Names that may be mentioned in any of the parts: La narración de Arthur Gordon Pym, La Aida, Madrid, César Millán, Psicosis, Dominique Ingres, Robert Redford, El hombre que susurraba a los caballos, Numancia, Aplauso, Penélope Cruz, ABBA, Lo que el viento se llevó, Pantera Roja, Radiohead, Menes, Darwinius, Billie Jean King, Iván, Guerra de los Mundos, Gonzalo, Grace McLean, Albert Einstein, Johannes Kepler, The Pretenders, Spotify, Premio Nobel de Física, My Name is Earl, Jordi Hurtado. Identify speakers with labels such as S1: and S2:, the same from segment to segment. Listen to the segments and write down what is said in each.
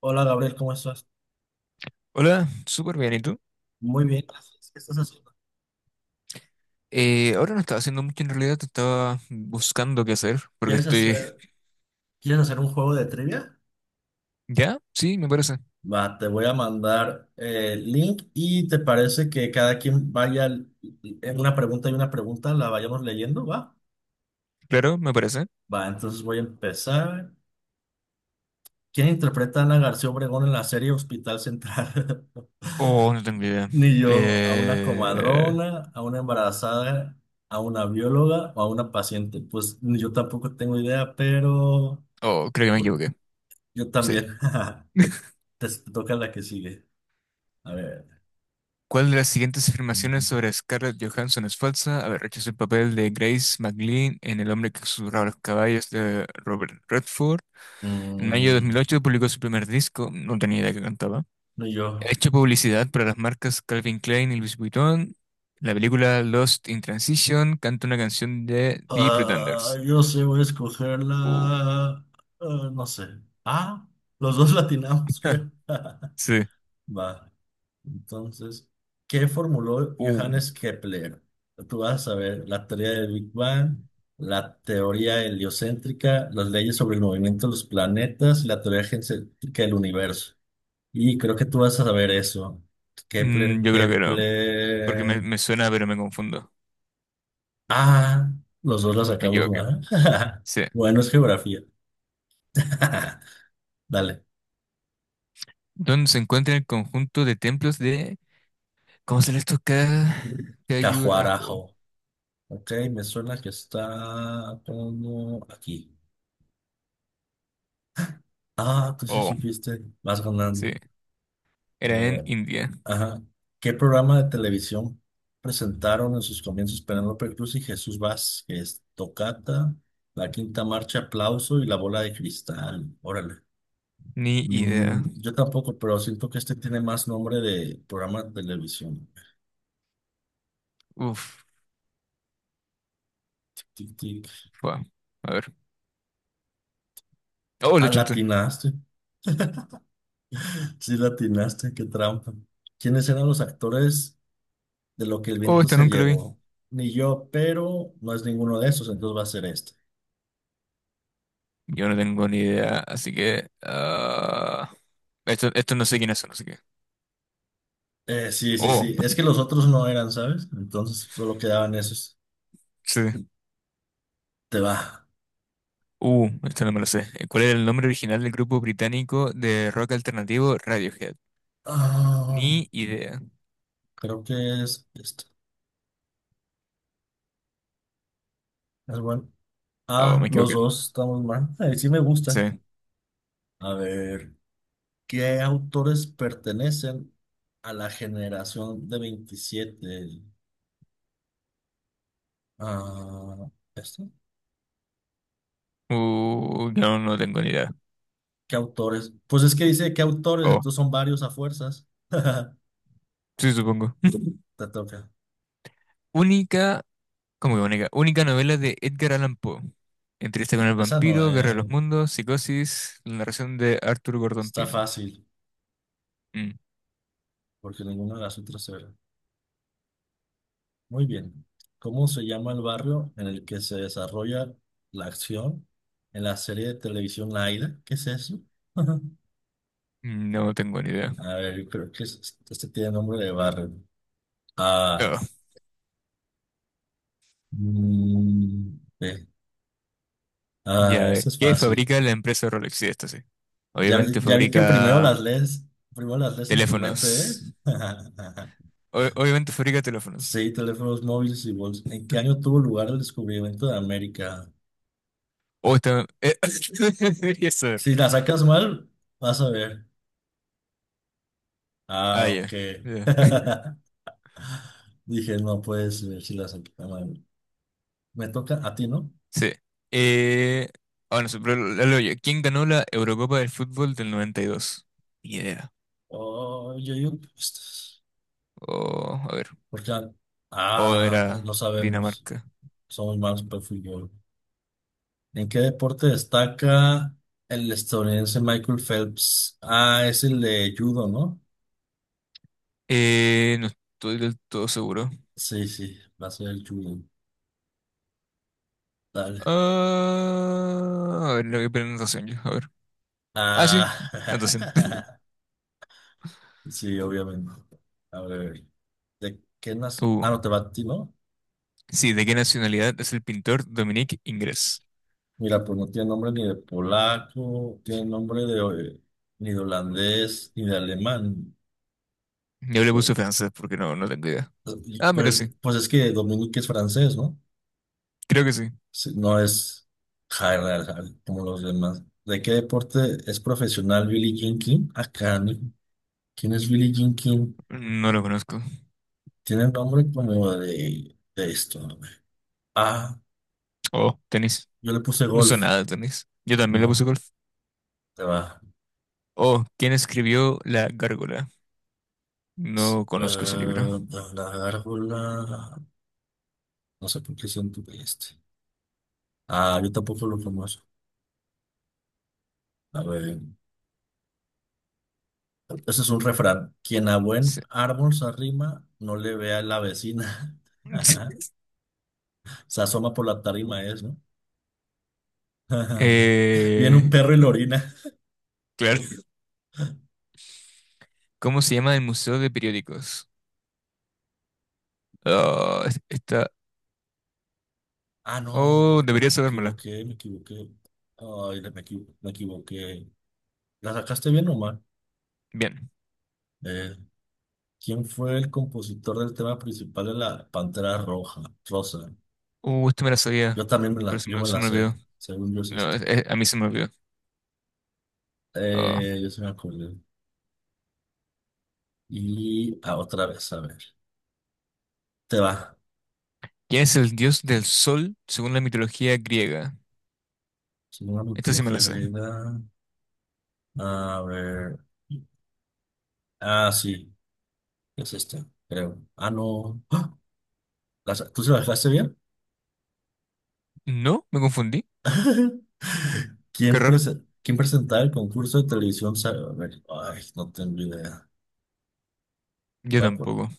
S1: Hola, Gabriel, ¿cómo estás?
S2: Hola, súper bien, ¿y tú?
S1: Muy bien, gracias. ¿Qué estás haciendo?
S2: Ahora no estaba haciendo mucho en realidad, te estaba buscando qué hacer, porque
S1: ¿Quieres
S2: estoy...
S1: hacer, ¿Quieres hacer un juego de trivia?
S2: ¿Ya? Sí, me parece.
S1: Va, te voy a mandar el link y te parece que cada quien vaya l- en una pregunta y una pregunta, la vayamos leyendo, ¿va?
S2: Claro, me parece.
S1: Va, entonces voy a empezar. ¿Quién interpreta a Ana García Obregón en la serie Hospital Central?
S2: Oh, no tengo idea.
S1: Ni yo, a una
S2: Eh...
S1: comadrona, a una embarazada, a una bióloga o a una paciente. Pues ni yo tampoco tengo idea, pero
S2: Oh, creo que me
S1: bueno,
S2: equivoqué.
S1: yo
S2: Sí.
S1: también. Te toca la que sigue. A ver.
S2: ¿Cuál de las siguientes afirmaciones sobre Scarlett Johansson es falsa? Haber hecho el papel de Grace McLean en El hombre que susurraba a los caballos de Robert Redford. En mayo de dos mil
S1: Mm,
S2: ocho publicó su primer disco, no tenía idea que cantaba.
S1: no
S2: Ha
S1: yo.
S2: hecho publicidad para las marcas Calvin Klein y Louis Vuitton. La película Lost in Transition canta una canción de The
S1: Ah,
S2: Pretenders.
S1: yo sé, voy a escoger la...
S2: Uh,
S1: ah, no sé. Ah, los dos latinamos, creo.
S2: sí.
S1: Va, entonces, ¿qué formuló
S2: Uh,
S1: Johannes Kepler? Tú vas a ver la teoría del Big Bang, la teoría heliocéntrica, las leyes sobre el movimiento de los planetas y la teoría geocéntrica del universo. Y creo que tú vas a saber eso. Kepler,
S2: yo creo que no, porque me,
S1: Kepler.
S2: me suena, pero me confundo.
S1: Ah, los dos la
S2: Me
S1: sacamos
S2: equivoqué.
S1: mal.
S2: Sí.
S1: Bueno, es geografía. Dale.
S2: Donde se encuentra el conjunto de templos de... ¿Cómo se les toca? Cayurajo.
S1: Cajuarajo. Ok, me suena que está como aquí. Ah, tú sí
S2: Oh,
S1: supiste. Vas ganando.
S2: sí.
S1: A
S2: Era en
S1: ver,
S2: India.
S1: ajá. ¿Qué programa de televisión presentaron en sus comienzos Penélope Cruz y Jesús Vázquez? Tocata, La Quinta Marcha, Aplauso y La Bola de Cristal. Órale.
S2: Ni idea.
S1: Mm, yo tampoco, pero siento que este tiene más nombre de programa de televisión.
S2: Uf.
S1: Tic, tic.
S2: Fua. A ver. Oh, lo
S1: Ah,
S2: chunté.
S1: latinaste. Sí, latinaste, qué trampa. ¿Quiénes eran los actores de lo que el
S2: Oh,
S1: viento
S2: esta
S1: se
S2: nunca lo vi.
S1: llevó? Ni yo, pero no es ninguno de esos, entonces va a ser este.
S2: Yo no tengo ni idea, así que... ah, esto no sé quiénes son, así que...
S1: Sí, sí,
S2: Oh,
S1: sí. Es que los otros no eran, ¿sabes? Entonces solo quedaban esos.
S2: sí.
S1: Te va.
S2: Esto no me lo sé. ¿Cuál era el nombre original del grupo británico de rock alternativo Radiohead?
S1: Ah,
S2: Ni idea.
S1: creo que es este. Es bueno.
S2: Oh,
S1: Ah,
S2: me
S1: los
S2: equivoqué.
S1: dos estamos mal. Ay, sí me gusta.
S2: Sí.
S1: A ver. ¿Qué autores pertenecen a la generación de 27? Ah, ¿esto?
S2: No tengo ni idea.
S1: ¿Qué autores? Pues es que dice qué autores,
S2: Oh,
S1: entonces son varios a fuerzas.
S2: sí, supongo.
S1: Te toca.
S2: Única... ¿Cómo que única? Única novela de Edgar Allan Poe. Entrevista con el
S1: Esa no,
S2: vampiro, Guerra de los
S1: eh.
S2: Mundos, Psicosis, la narración de Arthur Gordon
S1: Está
S2: Pym.
S1: fácil,
S2: Mm,
S1: porque ninguna de las otras era. Muy bien. ¿Cómo se llama el barrio en el que se desarrolla la acción en la serie de televisión La Aida? ¿Qué es eso?
S2: no tengo ni idea.
S1: A ver, yo creo que es- este tiene nombre de barrio. Ah.
S2: No.
S1: Mm, ve.
S2: Ya, a
S1: Ah,
S2: ver,
S1: eso es
S2: ¿qué
S1: fácil.
S2: fabrica la empresa Rolex? Sí, esto sí. Obviamente
S1: Ya vi que
S2: fabrica
S1: primero las lees en tu mente, ¿eh?
S2: teléfonos. Obviamente fabrica teléfonos.
S1: Sí, teléfonos móviles y bolsas. ¿En qué año tuvo lugar el descubrimiento de América?
S2: O está... debería saber.
S1: Si la sacas mal, vas a ver.
S2: Ah,
S1: Ah,
S2: ya.
S1: ok.
S2: Ya.
S1: Dije, no puedes ver si la saqué mal. Me toca a ti, ¿no?
S2: Sí. Eh... Ah, no sé, pero la leo yo. ¿Quién ganó la Eurocopa del fútbol del 92? Ni idea.
S1: Oh, yo digo, que estas-
S2: O, a ver.
S1: porque,
S2: O
S1: ah,
S2: era
S1: no sabemos.
S2: Dinamarca.
S1: Somos malos para el fútbol. ¿En qué deporte destaca el estadounidense Michael Phelps? Ah, es el de judo, ¿no?
S2: No estoy del todo seguro.
S1: Sí, sí, va a ser el judo. Dale.
S2: Ah, a ver, le voy a poner anotación yo. A ver. Ah, sí.
S1: Ah,
S2: Anotación.
S1: sí, obviamente. A ver, ¿de qué nace?
S2: Uh.
S1: Ah, no te va a ti, ¿no?
S2: Sí, ¿de qué nacionalidad es el pintor Dominique Ingres?
S1: Mira, pues no tiene nombre ni de polaco, tiene nombre de ni de holandés, ni de alemán.
S2: Yo le
S1: Pues,
S2: puse francés porque no tengo idea. Ah, mira,
S1: pues
S2: sí.
S1: pues es que Dominique es francés, ¿no?
S2: Creo que sí.
S1: Sí, no es hard, hard, hard, como los demás. ¿De qué deporte es profesional Billie Jean King? Acá, ¿no? ¿Quién es Billie Jean King?
S2: No lo conozco.
S1: Tiene nombre como de esto. A ver. Ah,
S2: Oh, tenis.
S1: yo le puse
S2: No sé
S1: golf.
S2: nada de tenis. Yo también le puse
S1: No,
S2: golf.
S1: te va.
S2: Oh, ¿quién escribió La Gárgola? No conozco ese libro.
S1: Eh, la gárgola. No sé por qué siento que este. Ah, yo tampoco lo conozco. A ver. Ese es un refrán. Quien a
S2: Sí.
S1: buen árbol se arrima, no le vea la vecina. Se asoma por la tarima, es, ¿no? Viene un
S2: Eh,
S1: perro y lo orina.
S2: claro. ¿Cómo se llama el Museo de Periódicos? Está...
S1: Ah, no,
S2: Oh, debería sabérmela.
S1: me equivoqué. Ay, la- me equi- me equivoqué. ¿La sacaste bien o mal?
S2: Bien.
S1: Eh, ¿Quién fue el compositor del tema principal de la Pantera Roja? Rosa.
S2: Esto me la
S1: Yo
S2: sabía,
S1: también me
S2: pero
S1: la, yo me
S2: se
S1: la
S2: me
S1: sé,
S2: olvidó.
S1: según yo es
S2: No,
S1: este.
S2: a mí se me olvidó. Oh.
S1: Yo se me acordé. Y ah, otra vez, a ver. Te va.
S2: ¿Quién es el dios del sol según la mitología griega?
S1: Según la
S2: Esta sí me la
S1: mitología
S2: sé.
S1: griega. A ver. Ah, sí, es esta, creo. Ah, no. ¡Ah! ¿La sa- ¿Tú se la dejaste bien?
S2: No, me confundí. Qué
S1: ¿Quién,
S2: raro.
S1: prese- quién presentaba el concurso de televisión? Sa- a ver, ay, no tengo idea.
S2: Yo
S1: Voy a por-
S2: tampoco.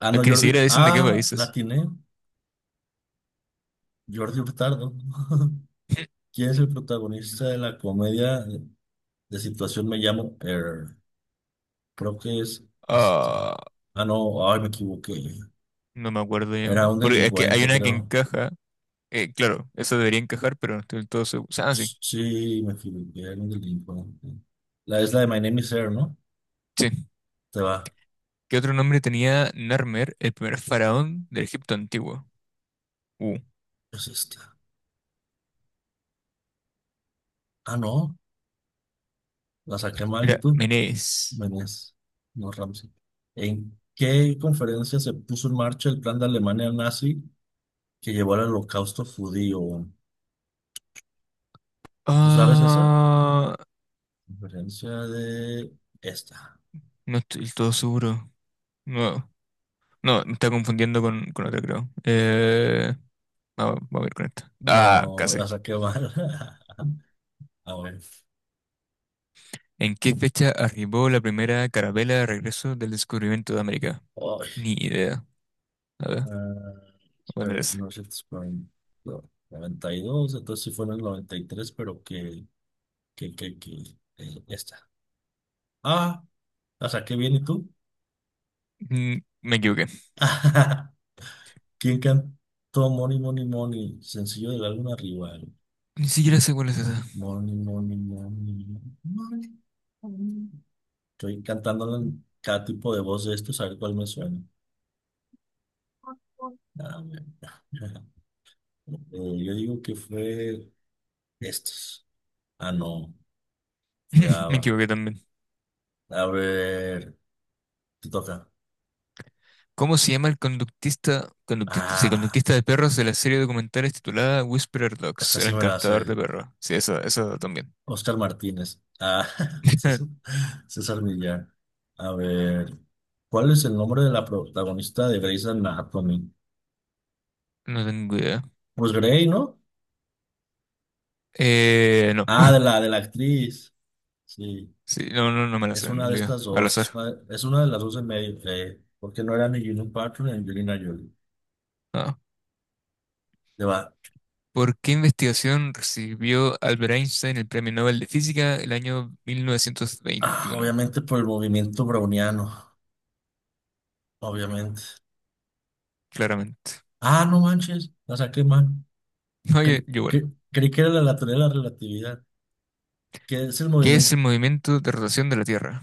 S1: ah,
S2: Es
S1: no,
S2: que ni siquiera
S1: Jordi.
S2: dicen de qué
S1: Ah, la
S2: países.
S1: atiné. Jordi Hurtado. ¿Quién es el protagonista de la comedia de situación Me llamo Er? Creo que es este.
S2: Ah,
S1: Ah, no, ay, me equivoqué.
S2: no me acuerdo yo.
S1: Era un
S2: Porque es que hay
S1: delincuente,
S2: una que
S1: creo.
S2: encaja. Claro, esa debería encajar, pero no estoy del todo seguro. Ah, sí.
S1: Sí, me equivoqué, era un delincuente. La es la de My Name is Earl, ¿no?
S2: Sí.
S1: Te va.
S2: ¿Qué otro nombre tenía Narmer, el primer faraón del Egipto antiguo? Uh,
S1: Es esta. Ah, no, la saqué mal y
S2: Era
S1: tú.
S2: Menes.
S1: Buenas, no, Ramsey. ¿En qué conferencia se puso en marcha el plan de Alemania nazi que llevó al holocausto judío? ¿Tú sabes esa?
S2: Ah,
S1: Conferencia de esta.
S2: no estoy del todo seguro. No, no, me está confundiendo con otra, creo. Vamos a ver con esto. Ah,
S1: No,
S2: casi.
S1: la saqué mal. A ver.
S2: ¿En qué fecha arribó la primera carabela de regreso del descubrimiento de América?
S1: Ay,
S2: Ni idea. A ver, voy
S1: ah,
S2: a poner
S1: espera,
S2: esa.
S1: no sé, 92, entonces sí fue en el 93, pero que, que, que, esta. Ah, la saqué bien, ¿y tú?
S2: Mm, me equivoqué.
S1: ¿Quién cantó Money, Money, Money? Sencillo del álbum Rival.
S2: Ni siquiera sé cuál es esa.
S1: Money, Money, Money, Money, Money. Estoy cantándolo en cada tipo de voz de estos, a ver cuál me suena. Ah, bueno. Yo digo que fue estos. Ah, no, fue
S2: Me
S1: ABBA.
S2: equivoqué también.
S1: A ver, te toca.
S2: ¿Cómo se llama el sí,
S1: Ah,
S2: conductista de perros de la serie documental titulada Whisperer Dogs,
S1: esta
S2: el
S1: sí me la
S2: encantador
S1: hace.
S2: de perros? Sí, eso también.
S1: Oscar Martínez. Ah, César, César Millán. A ver, ¿cuál es el nombre de la protagonista de Grey's Anatomy?
S2: No tengo idea.
S1: Pues Grey, ¿no?
S2: No.
S1: Ah, de de la actriz. Sí,
S2: Sí, no me la
S1: es
S2: sé en
S1: una de
S2: realidad.
S1: estas
S2: Al
S1: dos.
S2: azar.
S1: Es una de las dos en medio, Grey. Porque no era ni Julian Patton ni Angelina Jolie.
S2: Ah.
S1: Le va.
S2: ¿Por qué investigación recibió Albert Einstein el Premio Nobel de Física el año
S1: Ah,
S2: 1921?
S1: obviamente por el movimiento browniano. Obviamente.
S2: Claramente.
S1: Ah, no manches. La saqué mal.
S2: Oye, yo
S1: Cre-
S2: igual.
S1: cre- creí que era la lateral de la relatividad. ¿Qué es el
S2: ¿Qué es
S1: movimiento?
S2: el movimiento de rotación de la Tierra?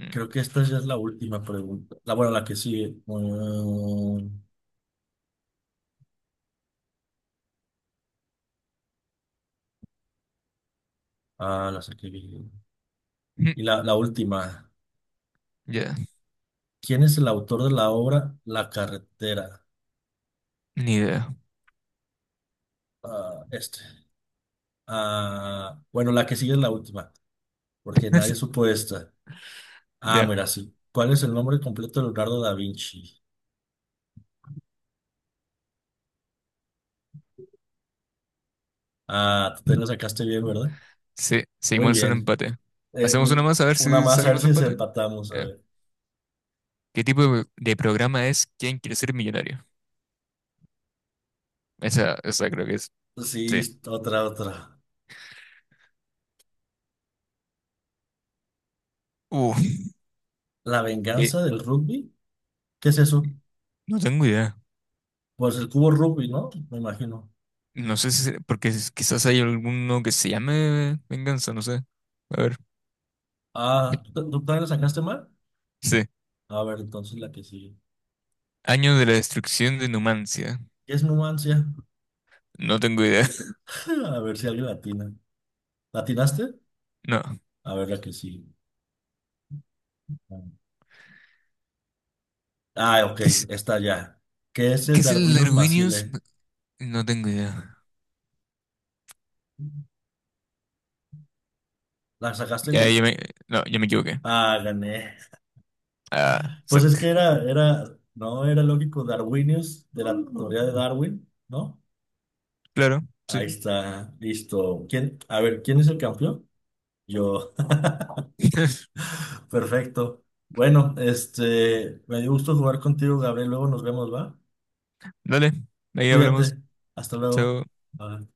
S2: Mm.
S1: Creo que esta ya es la última pregunta. La, bueno, la que sigue. Mm, ah, la saqué bien.
S2: Mm,
S1: Y la última.
S2: ya,
S1: ¿Quién es el autor de la obra La carretera?
S2: ni idea.
S1: Ah, este. Ah, bueno, la que sigue es la última, porque nadie supo esta. Ah,
S2: Ya.
S1: mira, sí. ¿Cuál es el nombre completo de Leonardo da Vinci? Ah, tú te lo sacaste bien, ¿verdad?
S2: Sí,
S1: Muy
S2: seguimos en
S1: bien.
S2: empate. ¿Hacemos una
S1: Ni-
S2: más a ver
S1: una
S2: si
S1: más, a ver
S2: salimos de
S1: si se
S2: empate?
S1: empatamos, a
S2: Ya.
S1: ver.
S2: ¿Qué tipo de programa es ¿Quién quiere ser millonario? Esa creo que es.
S1: Sí,
S2: Sí.
S1: otra, otra.
S2: Uh,
S1: ¿La
S2: que
S1: venganza del rugby? ¿Qué es eso?
S2: no tengo idea.
S1: Pues el cubo rugby, ¿no? Me imagino.
S2: No sé si, porque quizás hay alguno que se llame Venganza, no sé. A ver.
S1: Ah, ¿tú también lo sacaste mal?
S2: Sí.
S1: A ver, entonces la que sigue.
S2: Año de la destrucción de Numancia.
S1: ¿Qué es Numancia?
S2: No tengo idea.
S1: A ver si alguien latina. ¿Latinaste?
S2: No.
S1: A ver la que sigue. Ah, ok,
S2: ¿Qué es,
S1: está ya. ¿Qué es
S2: ¿Qué
S1: el
S2: es el
S1: Darwinus
S2: Darwinius?
S1: macile?
S2: No tengo idea.
S1: ¿La sacaste
S2: Ya, ya
S1: bien?
S2: me, no, ya me equivoqué.
S1: Ah, gané.
S2: Ah,
S1: Pues es que
S2: cerca.
S1: no era lógico Darwinius de la teoría de Darwin, ¿no?
S2: Claro, sí.
S1: Ahí está, listo. ¿Quién? A ver, ¿quién es el campeón? Yo. Perfecto. Bueno, este, me dio gusto jugar contigo, Gabriel. Luego nos vemos, ¿va?
S2: Dale, ahí hablamos.
S1: Cuídate. Hasta luego.
S2: Chao.
S1: Bye.